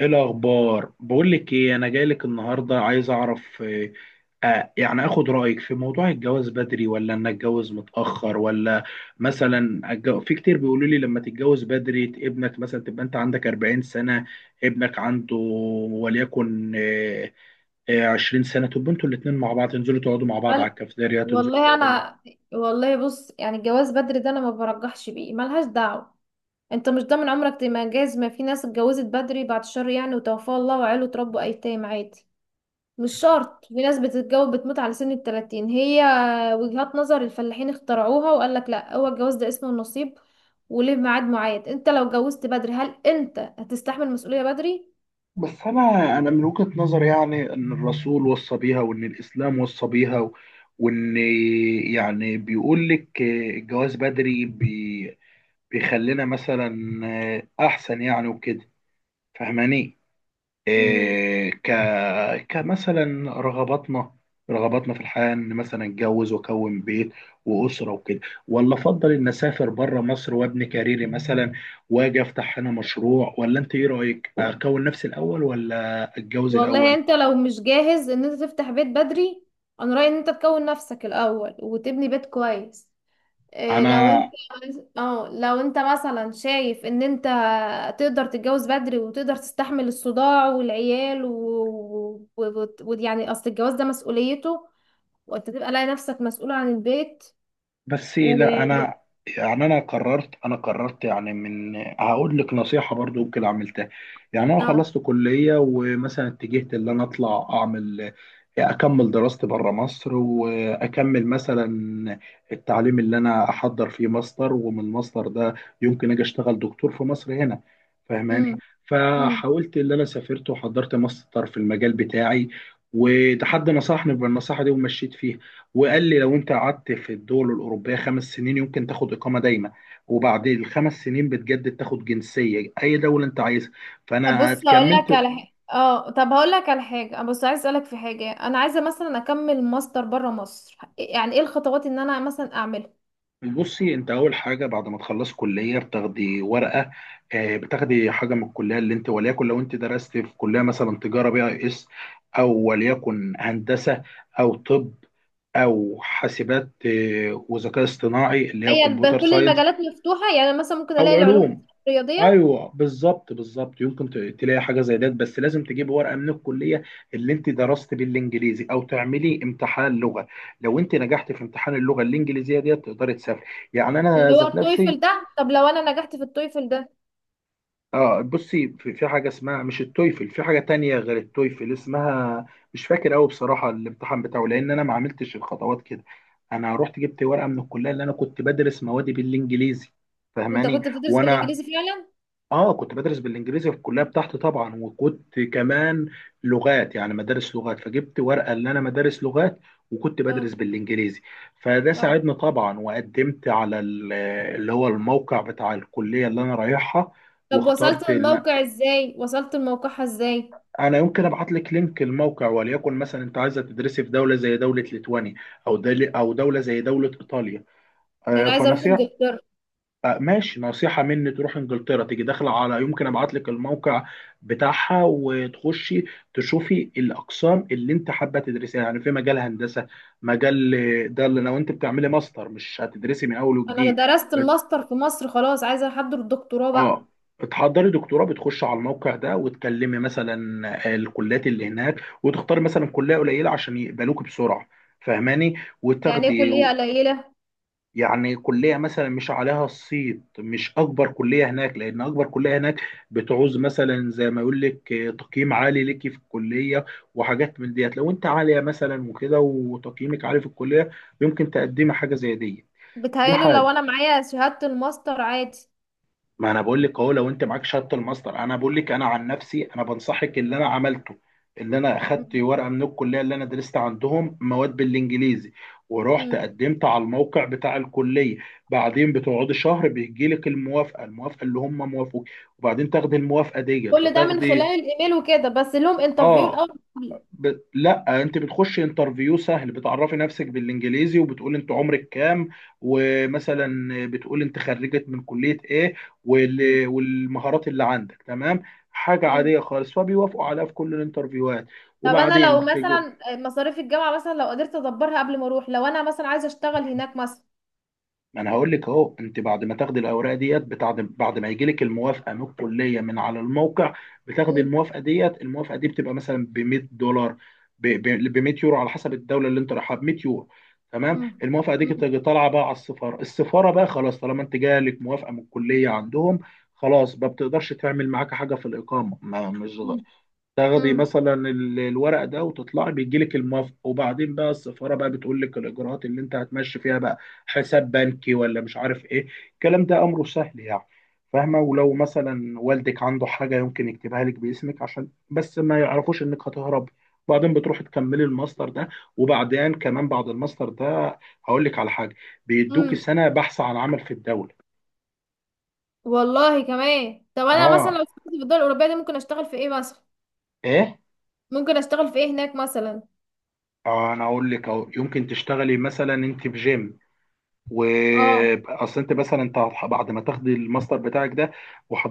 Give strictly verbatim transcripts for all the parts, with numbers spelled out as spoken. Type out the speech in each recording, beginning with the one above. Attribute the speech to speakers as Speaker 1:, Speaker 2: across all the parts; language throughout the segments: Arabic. Speaker 1: ايه الاخبار؟ بقول لك ايه، انا جاي لك النهارده عايز اعرف. آه، آه، يعني اخد رايك في موضوع الجواز بدري ولا ان اتجوز متاخر، ولا مثلا أتج- في كتير بيقولوا لي لما تتجوز بدري ابنك مثلا تبقى انت عندك أربعين سنه، ابنك عنده وليكن آه، آه، عشرين سنه، تبقوا انتوا الاثنين مع بعض، تنزلوا تقعدوا مع بعض على
Speaker 2: وال-
Speaker 1: الكافيتيريا، تنزلوا
Speaker 2: والله
Speaker 1: تقعدوا مع
Speaker 2: انا والله، بص، يعني الجواز بدري ده انا ما برجحش بيه، ملهاش دعوه. انت مش ضامن عمرك تجهز. ما في ناس اتجوزت بدري، بعد الشر يعني، وتوفاها الله وعيله تربوا ايتام عادي. مش شرط، في ناس بتتجوز بتموت على سن التلاتين. هي وجهات نظر الفلاحين اخترعوها، وقال لك لا، هو الجواز ده اسمه النصيب وليه ميعاد معين؟ انت لو اتجوزت بدري، هل انت هتستحمل مسؤوليه بدري؟
Speaker 1: بس انا انا من وجهة نظري، يعني ان الرسول وصى بيها وان الاسلام وصى بيها و- وان يعني بيقول لك الجواز بدري بي- بيخلينا مثلا احسن يعني، وكده. فاهماني؟ إيه ك كمثلا رغباتنا رغباتنا في الحياة، ان مثلا اتجوز واكون بيت واسرة وكده، ولا افضل ان اسافر بره مصر وابني كاريري مثلا واجي افتح هنا مشروع. ولا انت ايه رأيك، اكون نفسي الاول ولا اتجوز
Speaker 2: والله
Speaker 1: الاول؟
Speaker 2: انت لو مش جاهز ان انت تفتح بيت بدري، انا رأيي ان انت تكون نفسك الاول وتبني بيت كويس. إيه لو
Speaker 1: انا
Speaker 2: انت اه لو انت مثلا شايف ان انت تقدر تتجوز بدري، وتقدر تستحمل الصداع والعيال، ويعني و... و... و... و- يعني اصل الجواز ده مسؤوليته، وانت تبقى لاقي نفسك مسؤول عن البيت
Speaker 1: بس
Speaker 2: و...
Speaker 1: لا
Speaker 2: و...
Speaker 1: انا يعني انا قررت انا قررت يعني. من هقول لك نصيحه برضو ممكن عملتها، يعني انا
Speaker 2: اه
Speaker 1: خلصت كليه ومثلا اتجهت ان انا اطلع اعمل، اكمل دراستي بره مصر، واكمل مثلا التعليم اللي انا احضر فيه ماستر، ومن الماستر ده يمكن اجي اشتغل دكتور في مصر هنا. فاهماني؟
Speaker 2: امم
Speaker 1: فحاولت اللي انا سافرت وحضرت ماستر في المجال بتاعي، وده حد نصحني بالنصيحه دي ومشيت فيها. وقال لي لو انت قعدت في الدول الاوروبيه خمس سنين يمكن تاخد اقامه دايمه، وبعد الخمس سنين بتجدد تاخد جنسيه اي دوله انت عايزها. فانا
Speaker 2: بص، هقول لك
Speaker 1: كملت.
Speaker 2: على حاجه اه طب، هقول لك على حاجه. بص، عايز اسالك في حاجه، انا عايزه مثلا اكمل ماستر بره مصر. يعني ايه الخطوات ان انا مثلا اعملها؟
Speaker 1: بصي، انت اول حاجه بعد ما تخلص كليه بتاخدي ورقه، آه، بتاخدي حاجه من الكليه اللي انت، وليكن لو انت درست في كليه مثلا تجاره بي اي اس، او وليكن هندسه، او طب، او حاسبات آه، وذكاء اصطناعي اللي هي
Speaker 2: هي
Speaker 1: كمبيوتر
Speaker 2: الب- كل
Speaker 1: ساينس،
Speaker 2: المجالات مفتوحه؟ يعني مثلا ممكن
Speaker 1: او
Speaker 2: الاقي العلوم
Speaker 1: علوم.
Speaker 2: الرياضيه.
Speaker 1: ايوه بالظبط بالظبط، يمكن ت- تلاقي حاجه زي ده، بس لازم تجيب ورقه من الكليه اللي انت درست بالانجليزي، او تعملي امتحان لغه. لو انت نجحت في امتحان اللغه الانجليزيه ديت تقدري تسافري. يعني انا
Speaker 2: اللي هو
Speaker 1: ذات نفسي،
Speaker 2: التويفل ده، طب لو انا نجحت في التويفل ده؟
Speaker 1: اه بصي في, في حاجه اسمها، مش التويفل، في حاجه تانية غير التويفل اسمها، مش فاكر قوي بصراحه الامتحان بتاعه لان انا ما عملتش الخطوات كده. انا رحت جبت ورقه من الكليه اللي انا كنت بدرس موادي بالانجليزي،
Speaker 2: انت
Speaker 1: فاهماني؟
Speaker 2: كنت بتدرس
Speaker 1: وانا
Speaker 2: بالانجليزي فعلا؟
Speaker 1: اه كنت بدرس بالانجليزي في الكليه بتاعتي طبعا، وكنت كمان لغات، يعني مدارس لغات، فجبت ورقه ان انا مدارس لغات وكنت
Speaker 2: اه،
Speaker 1: بدرس بالانجليزي. فده
Speaker 2: اه،
Speaker 1: ساعدني طبعا، وقدمت على ال- اللي هو الموقع بتاع الكليه اللي انا رايحها،
Speaker 2: طب وصلت
Speaker 1: واخترت ال-
Speaker 2: للموقع ازاي وصلت لموقعها ازاي؟
Speaker 1: انا يمكن ابعت لك لينك الموقع. وليكن مثلا انت عايزه تدرسي في دوله زي دوله ليتوانيا، او دل- او دوله زي دوله ايطاليا. آه،
Speaker 2: انا عايزه اروح
Speaker 1: فنصيحه،
Speaker 2: انجلترا.
Speaker 1: آه، ماشي، نصيحة مني تروح انجلترا، تيجي داخلة على، يمكن ابعت لك الموقع بتاعها، وتخشي تشوفي الاقسام اللي انت حابة تدرسيها، يعني في مجال هندسة، مجال، آه، ده اللي لو انت بتعملي ماستر مش هتدرسي من اول
Speaker 2: انا
Speaker 1: وجديد.
Speaker 2: درست
Speaker 1: بت...
Speaker 2: الماستر في مصر، خلاص عايزه احضر الدكتوراه بقى.
Speaker 1: اه، بتحضري دكتوراه، بتخش على الموقع ده وتكلمي مثلا آه، الكليات اللي هناك، وتختاري مثلا كلية قليلة عشان يقبلوك بسرعة. فاهماني؟
Speaker 2: يعني ايه
Speaker 1: وتاخدي.
Speaker 2: كليه قليله؟
Speaker 1: يعني كلية مثلا مش عليها الصيت، مش أكبر كلية هناك، لأن أكبر كلية هناك بتعوز مثلا، زي ما يقول لك، آه، تقييم عالي ليكي في الكلية وحاجات من ديت. لو أنت عالية مثلا وكده وتقييمك عالي في الكلية يمكن تقدمي حاجة زي دي. دي
Speaker 2: بتهيألي لو
Speaker 1: حاجة،
Speaker 2: انا معايا شهادة الماستر عادي.
Speaker 1: ما انا بقول لك اهو، لو انت معاك شهاده الماستر، انا بقول لك انا عن نفسي انا بنصحك اللي انا عملته، اللي انا اخدت
Speaker 2: مم.
Speaker 1: ورقه من الكليه اللي انا درست عندهم مواد بالانجليزي، ورحت
Speaker 2: مم.
Speaker 1: قدمت على الموقع بتاع الكليه. بعدين بتقعدي شهر، بيجي لك الموافقه، الموافقه اللي هم موافقوك، وبعدين تاخدي الموافقه ديت
Speaker 2: كل ده من خلال
Speaker 1: وتاخدي.
Speaker 2: الايميل وكده، بس لهم انترفيو
Speaker 1: اه
Speaker 2: الاول؟
Speaker 1: ب... لا، انت بتخش انترفيو سهل، بتعرفي نفسك بالانجليزي وبتقول انت عمرك كام، ومثلا بتقول انت خرجت من كلية ايه،
Speaker 2: مم.
Speaker 1: وال... والمهارات اللي عندك. تمام؟ حاجة
Speaker 2: مم.
Speaker 1: عادية خالص، فبيوافقوا عليها في كل الانترفيوهات.
Speaker 2: طب انا
Speaker 1: وبعدين
Speaker 2: لو
Speaker 1: بتج...
Speaker 2: مثلا مصاريف الجامعة مثلا لو قدرت ادبرها قبل ما اروح، لو انا مثلا عايزة اشتغل هناك مثلا.
Speaker 1: ما انا هقول لك اهو، انت بعد ما تاخدي الاوراق ديت بتاعد، بعد ما يجي لك الموافقه من الكليه من على الموقع، بتاخدي
Speaker 2: مم.
Speaker 1: الموافقه ديت، الموافقه دي بتبقى مثلا ب مئة دولار، ب مية يورو، على حسب الدوله اللي انت رايحها، ب مية يورو. تمام؟
Speaker 2: مم.
Speaker 1: الموافقه دي
Speaker 2: مم.
Speaker 1: بتيجي طالعه بقى على السفاره. السفاره بقى خلاص، طالما انت جالك موافقه من الكليه عندهم خلاص، ما بتقدرش تعمل معاك حاجه في الاقامه، ما مش،
Speaker 2: مم.
Speaker 1: تاخدي
Speaker 2: مم.
Speaker 1: مثلا ال- الورق ده وتطلعي، بيجي لك الموافقه، وبعدين بقى السفاره بقى بتقول لك الاجراءات اللي انت هتمشي فيها بقى. حساب بنكي، ولا مش عارف ايه الكلام ده، امره سهل يعني. فاهمه؟ ولو مثلا والدك عنده حاجه يمكن يكتبها لك باسمك عشان بس ما يعرفوش انك هتهرب. وبعدين بتروحي تكملي الماستر ده. وبعدين كمان بعد الماستر ده هقول لك على حاجه، بيدوكي
Speaker 2: مم.
Speaker 1: سنه بحث عن عمل في الدوله.
Speaker 2: والله، كمان طب انا مثلا لو
Speaker 1: اه،
Speaker 2: اشتغلت في الدول الاوروبية دي، ممكن اشتغل في ايه مثلا؟
Speaker 1: ايه؟
Speaker 2: ممكن اشتغل في ايه هناك مثلا؟
Speaker 1: آه انا اقول لك اهو، يمكن تشتغلي مثلا انت في جيم.
Speaker 2: اه.
Speaker 1: واصل، انت مثلا انت هتح- بعد ما تاخد الماستر بتاعك ده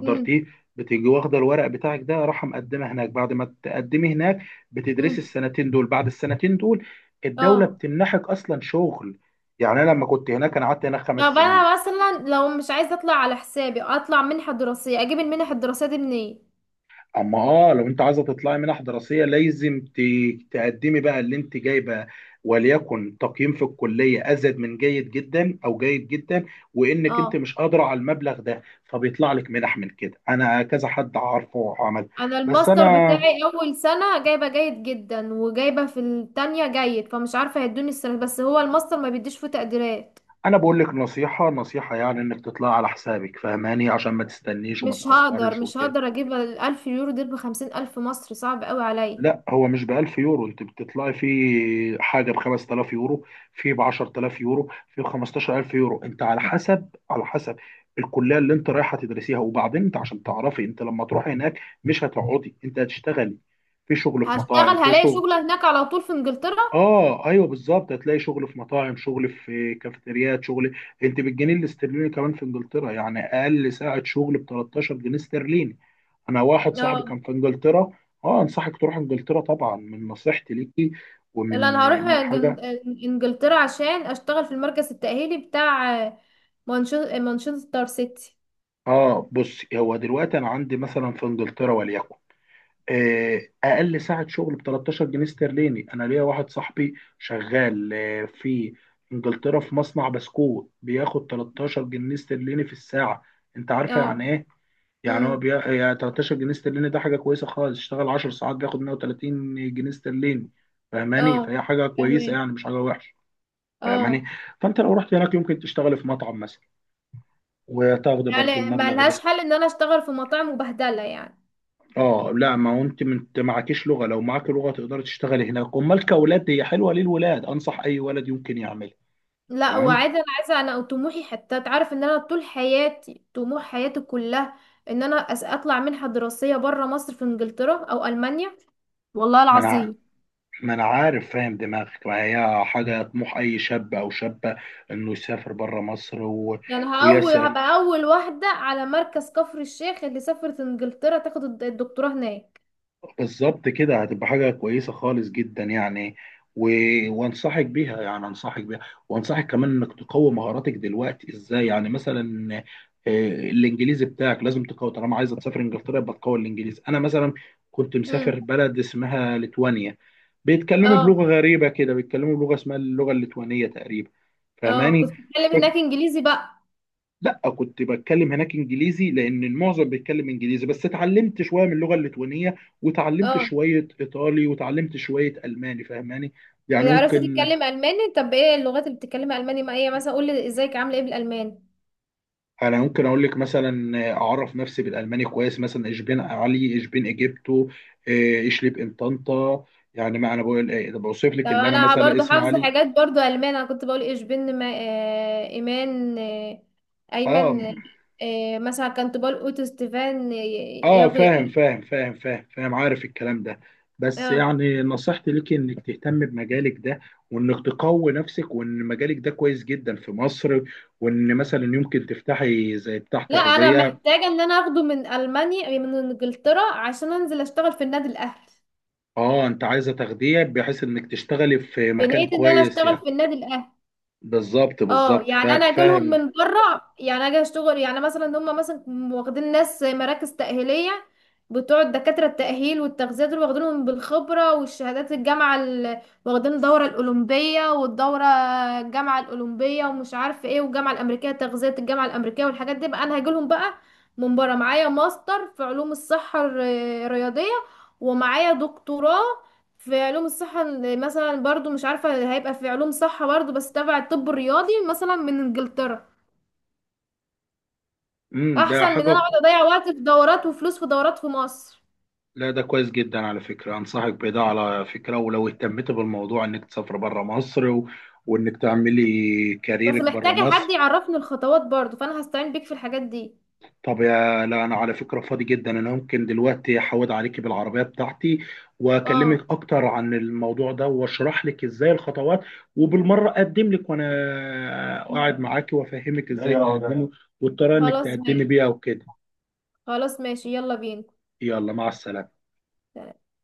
Speaker 2: مم.
Speaker 1: بتيجي واخده الورق بتاعك ده، راح مقدمه هناك. بعد ما تقدمي هناك بتدرسي
Speaker 2: مم.
Speaker 1: السنتين دول، بعد السنتين دول الدوله
Speaker 2: اه،
Speaker 1: بتمنحك اصلا شغل. يعني انا لما كنت هناك، انا قعدت هناك خمس
Speaker 2: طب
Speaker 1: سنين.
Speaker 2: انا مثلا لو مش عايزه اطلع على حسابي، اطلع منحه دراسيه، اجيب المنح الدراسيه دي منين؟
Speaker 1: اما اه، لو انت عايزه تطلعي منح دراسيه لازم ت- تقدمي بقى اللي انت جايبه، وليكن تقييم في الكليه ازيد من جيد جدا، او جيد جدا، وانك انت
Speaker 2: اه،
Speaker 1: مش قادره على المبلغ ده، فبيطلع لك منح من كده. انا كذا حد عارفه وعمل.
Speaker 2: انا
Speaker 1: بس
Speaker 2: الماستر
Speaker 1: انا
Speaker 2: بتاعي اول سنه جايبه جيد جدا، وجايبه في التانية جيد، فمش عارفه هيدوني السنه، بس هو الماستر ما بيديش فيه تقديرات.
Speaker 1: انا بقول لك نصيحه، نصيحه يعني، انك تطلعي على حسابك فاهماني؟ عشان ما تستنيش وما
Speaker 2: مش هقدر،
Speaker 1: تتاخرش
Speaker 2: مش
Speaker 1: وكده.
Speaker 2: هقدر اجيب الالف يورو دول، بخمسين الف مصري صعب قوي عليا.
Speaker 1: لا هو مش ب ألف يورو، انت بتطلعي في حاجه ب خمسة آلاف يورو، في ب عشرة آلاف يورو، في ب خمستاشر ألف يورو، انت على حسب، على حسب الكليه اللي انت رايحه تدرسيها. وبعدين انت عشان تعرفي، انت لما تروحي هناك مش هتقعدي، انت هتشتغلي في شغل، في مطاعم،
Speaker 2: هشتغل،
Speaker 1: في
Speaker 2: هلاقي
Speaker 1: شغل.
Speaker 2: شغل هناك على طول في انجلترا؟
Speaker 1: اه ايوه بالظبط، هتلاقي شغل في مطاعم، شغل في كافيتريات، شغل انت بالجنيه الاسترليني كمان في انجلترا. يعني اقل ساعه شغل ب ثلاثة عشر جنيه استرليني. انا واحد صاحبي
Speaker 2: اه،
Speaker 1: كان في انجلترا، اه انصحك تروح انجلترا طبعا، من نصيحتي ليكي
Speaker 2: لا انا
Speaker 1: ومن من
Speaker 2: هروح جن-
Speaker 1: حاجه
Speaker 2: انجلترا عشان اشتغل في المركز التأهيلي بتاع آه، مانشو- مانشستر سيتي.
Speaker 1: اه بص، هو دلوقتي انا عندي مثلا في انجلترا وليكن آه، اقل ساعه شغل ب تلاتاشر جنيه استرليني. انا ليا واحد صاحبي شغال آه، في انجلترا في مصنع بسكوت، بياخد تلاتاشر جنيه استرليني في الساعه. انت عارفه
Speaker 2: اه.
Speaker 1: يعني ايه؟ يعني هو بي...
Speaker 2: امم.
Speaker 1: يعني ثلاثة عشر جنيه استرليني ده حاجه كويسه خالص. اشتغل عشر ساعات بياخد مية وتلاتين جنيه استرليني. فاهماني؟
Speaker 2: اه،
Speaker 1: فهي حاجه كويسه
Speaker 2: فاهمين.
Speaker 1: يعني، مش حاجه وحشه. فاهماني؟
Speaker 2: اه.
Speaker 1: فانت لو رحت هناك يمكن تشتغل في مطعم مثلا وتاخد برضو
Speaker 2: يعني ما
Speaker 1: المبلغ
Speaker 2: لهاش
Speaker 1: ده.
Speaker 2: حل ان انا اشتغل في مطاعم وبهدله يعني؟
Speaker 1: اه لا، ما هو انت من- انت معكيش لغه، لو معاك لغه تقدر تشتغل هناك. امال، كاولاد هي حلوه للولاد، انصح اي ولد يمكن يعملها.
Speaker 2: لا،
Speaker 1: تمام.
Speaker 2: وعايزه انا عايزه، انا طموحي، حتى تعرف ان انا طول حياتي طموح، حياتي كلها ان انا أس- اطلع منحه دراسيه بره مصر، في انجلترا او المانيا. والله
Speaker 1: ما انا ع-
Speaker 2: العظيم.
Speaker 1: ما انا عارف فاهم دماغك، ما هي حاجه طموح اي شاب او شابه انه يسافر بره مصر و...
Speaker 2: يعني هأول
Speaker 1: ويسعى.
Speaker 2: هبقى اول واحده على مركز كفر الشيخ اللي سافرت انجلترا تاخد الد- الدكتوراه هناك.
Speaker 1: بالظبط كده، هتبقى حاجة كويسة خالص جدا يعني، و... وانصحك بيها يعني انصحك بيها. وانصحك كمان انك تقوي مهاراتك دلوقتي ازاي، يعني مثلا آه، الانجليزي بتاعك لازم تقوي، طالما عايزه تسافر انجلترا يبقى تقوي الانجليزي. انا مثلا كنت مسافر
Speaker 2: امم.
Speaker 1: بلد اسمها ليتوانيا، بيتكلموا بلغة
Speaker 2: اه،
Speaker 1: غريبة كده، بيتكلموا بلغة اسمها اللغة الليتوانية تقريبا.
Speaker 2: اه.
Speaker 1: فاهماني؟
Speaker 2: كنت بتكلم هناك انجليزي بقى؟
Speaker 1: لا كنت بتكلم هناك انجليزي، لان المعظم بيتكلم انجليزي، بس اتعلمت شويه من اللغه الليتوانيه، وتعلمت
Speaker 2: اه،
Speaker 1: شويه ايطالي، وتعلمت شويه الماني. فاهماني؟ يعني
Speaker 2: عرفت
Speaker 1: ممكن،
Speaker 2: تتكلم الماني؟ طب ايه اللغات اللي بتتكلمها الماني؟ ما هي مثلا قول لي ازيك عامله ايه بالالماني.
Speaker 1: انا ممكن اقول لك مثلا اعرف نفسي بالالماني كويس، مثلا ايش بين علي، ايش بين اجيبتو، ايش ليب ان طنطا. يعني ما انا بقول ايه ده، بوصف
Speaker 2: طب
Speaker 1: لك اللي انا
Speaker 2: انا
Speaker 1: مثلا
Speaker 2: برضو
Speaker 1: اسم
Speaker 2: حافظه
Speaker 1: علي.
Speaker 2: حاجات برضو الماني. انا كنت بقول ايش بن، ما آه ايمان آه
Speaker 1: اه
Speaker 2: ايمن. آه مثلا كنت بقول اوتو ستيفان آه،
Speaker 1: اه
Speaker 2: يغي.
Speaker 1: فاهم فاهم فاهم فاهم فاهم، عارف الكلام ده. بس
Speaker 2: اه،
Speaker 1: يعني نصيحتي ليك انك تهتم بمجالك ده، وانك تقوي نفسك، وان مجالك ده كويس جدا في مصر، وان مثلا يمكن تفتحي زي بتاع
Speaker 2: لا انا
Speaker 1: تغذية.
Speaker 2: محتاجه ان انا اخده من المانيا، من انجلترا، عشان انزل اشتغل في النادي الاهلي.
Speaker 1: اه انت عايزة تغذية بحيث انك تشتغلي في مكان
Speaker 2: بنيت ان انا
Speaker 1: كويس
Speaker 2: اشتغل
Speaker 1: يعني.
Speaker 2: في النادي الاهلي.
Speaker 1: بالظبط
Speaker 2: اه،
Speaker 1: بالظبط،
Speaker 2: يعني
Speaker 1: فا-
Speaker 2: انا اجي لهم
Speaker 1: فاهم.
Speaker 2: من بره، يعني اجي اشتغل، يعني مثلا ان هم مثلا واخدين ناس مراكز تاهيليه، بتوع الدكاتره التاهيل والتغذيه دول، واخدينهم بالخبره والشهادات الجامعه ال- واخدين الدوره الاولمبيه، والدوره الجامعه الاولمبيه، ومش عارفه ايه، والجامعه الامريكيه تغذيه، الجامعه الامريكيه والحاجات دي بقى. انا هاجي لهم بقى من بره معايا ماستر في علوم الصحه الر- الرياضيه، ومعايا دكتوراه في علوم الصحة ال- مثلا، برضو مش عارفة، هيبقى في علوم صحة برضو، بس تبع الطب الرياضي مثلا، من انجلترا.
Speaker 1: امم، ده
Speaker 2: احسن من ان
Speaker 1: حاجة
Speaker 2: انا اقعد
Speaker 1: كو-
Speaker 2: اضيع وقت في دورات وفلوس في دورات في مصر.
Speaker 1: لا ده كويس جدا على فكرة، انصحك بده على فكرة، ولو اهتمت بالموضوع انك تسافر بره مصر و... وانك تعملي
Speaker 2: بس
Speaker 1: كاريرك بره
Speaker 2: محتاجة حد
Speaker 1: مصر.
Speaker 2: يعرفني الخطوات برضو، فانا هستعين بيك في الحاجات دي.
Speaker 1: طب يا لا، انا على فكره فاضي جدا، انا ممكن دلوقتي احود عليكي بالعربيه بتاعتي
Speaker 2: اه،
Speaker 1: واكلمك اكتر عن الموضوع ده واشرح لك ازاي الخطوات، وبالمره اقدم لك وانا قاعد معاكي، وافهمك ازاي، ايوه تقدمي، والطريقه انك
Speaker 2: خلاص
Speaker 1: تقدمي
Speaker 2: ماشي.
Speaker 1: بيها وكده.
Speaker 2: خلاص ماشي، يلا بينا.
Speaker 1: يلا مع السلامه.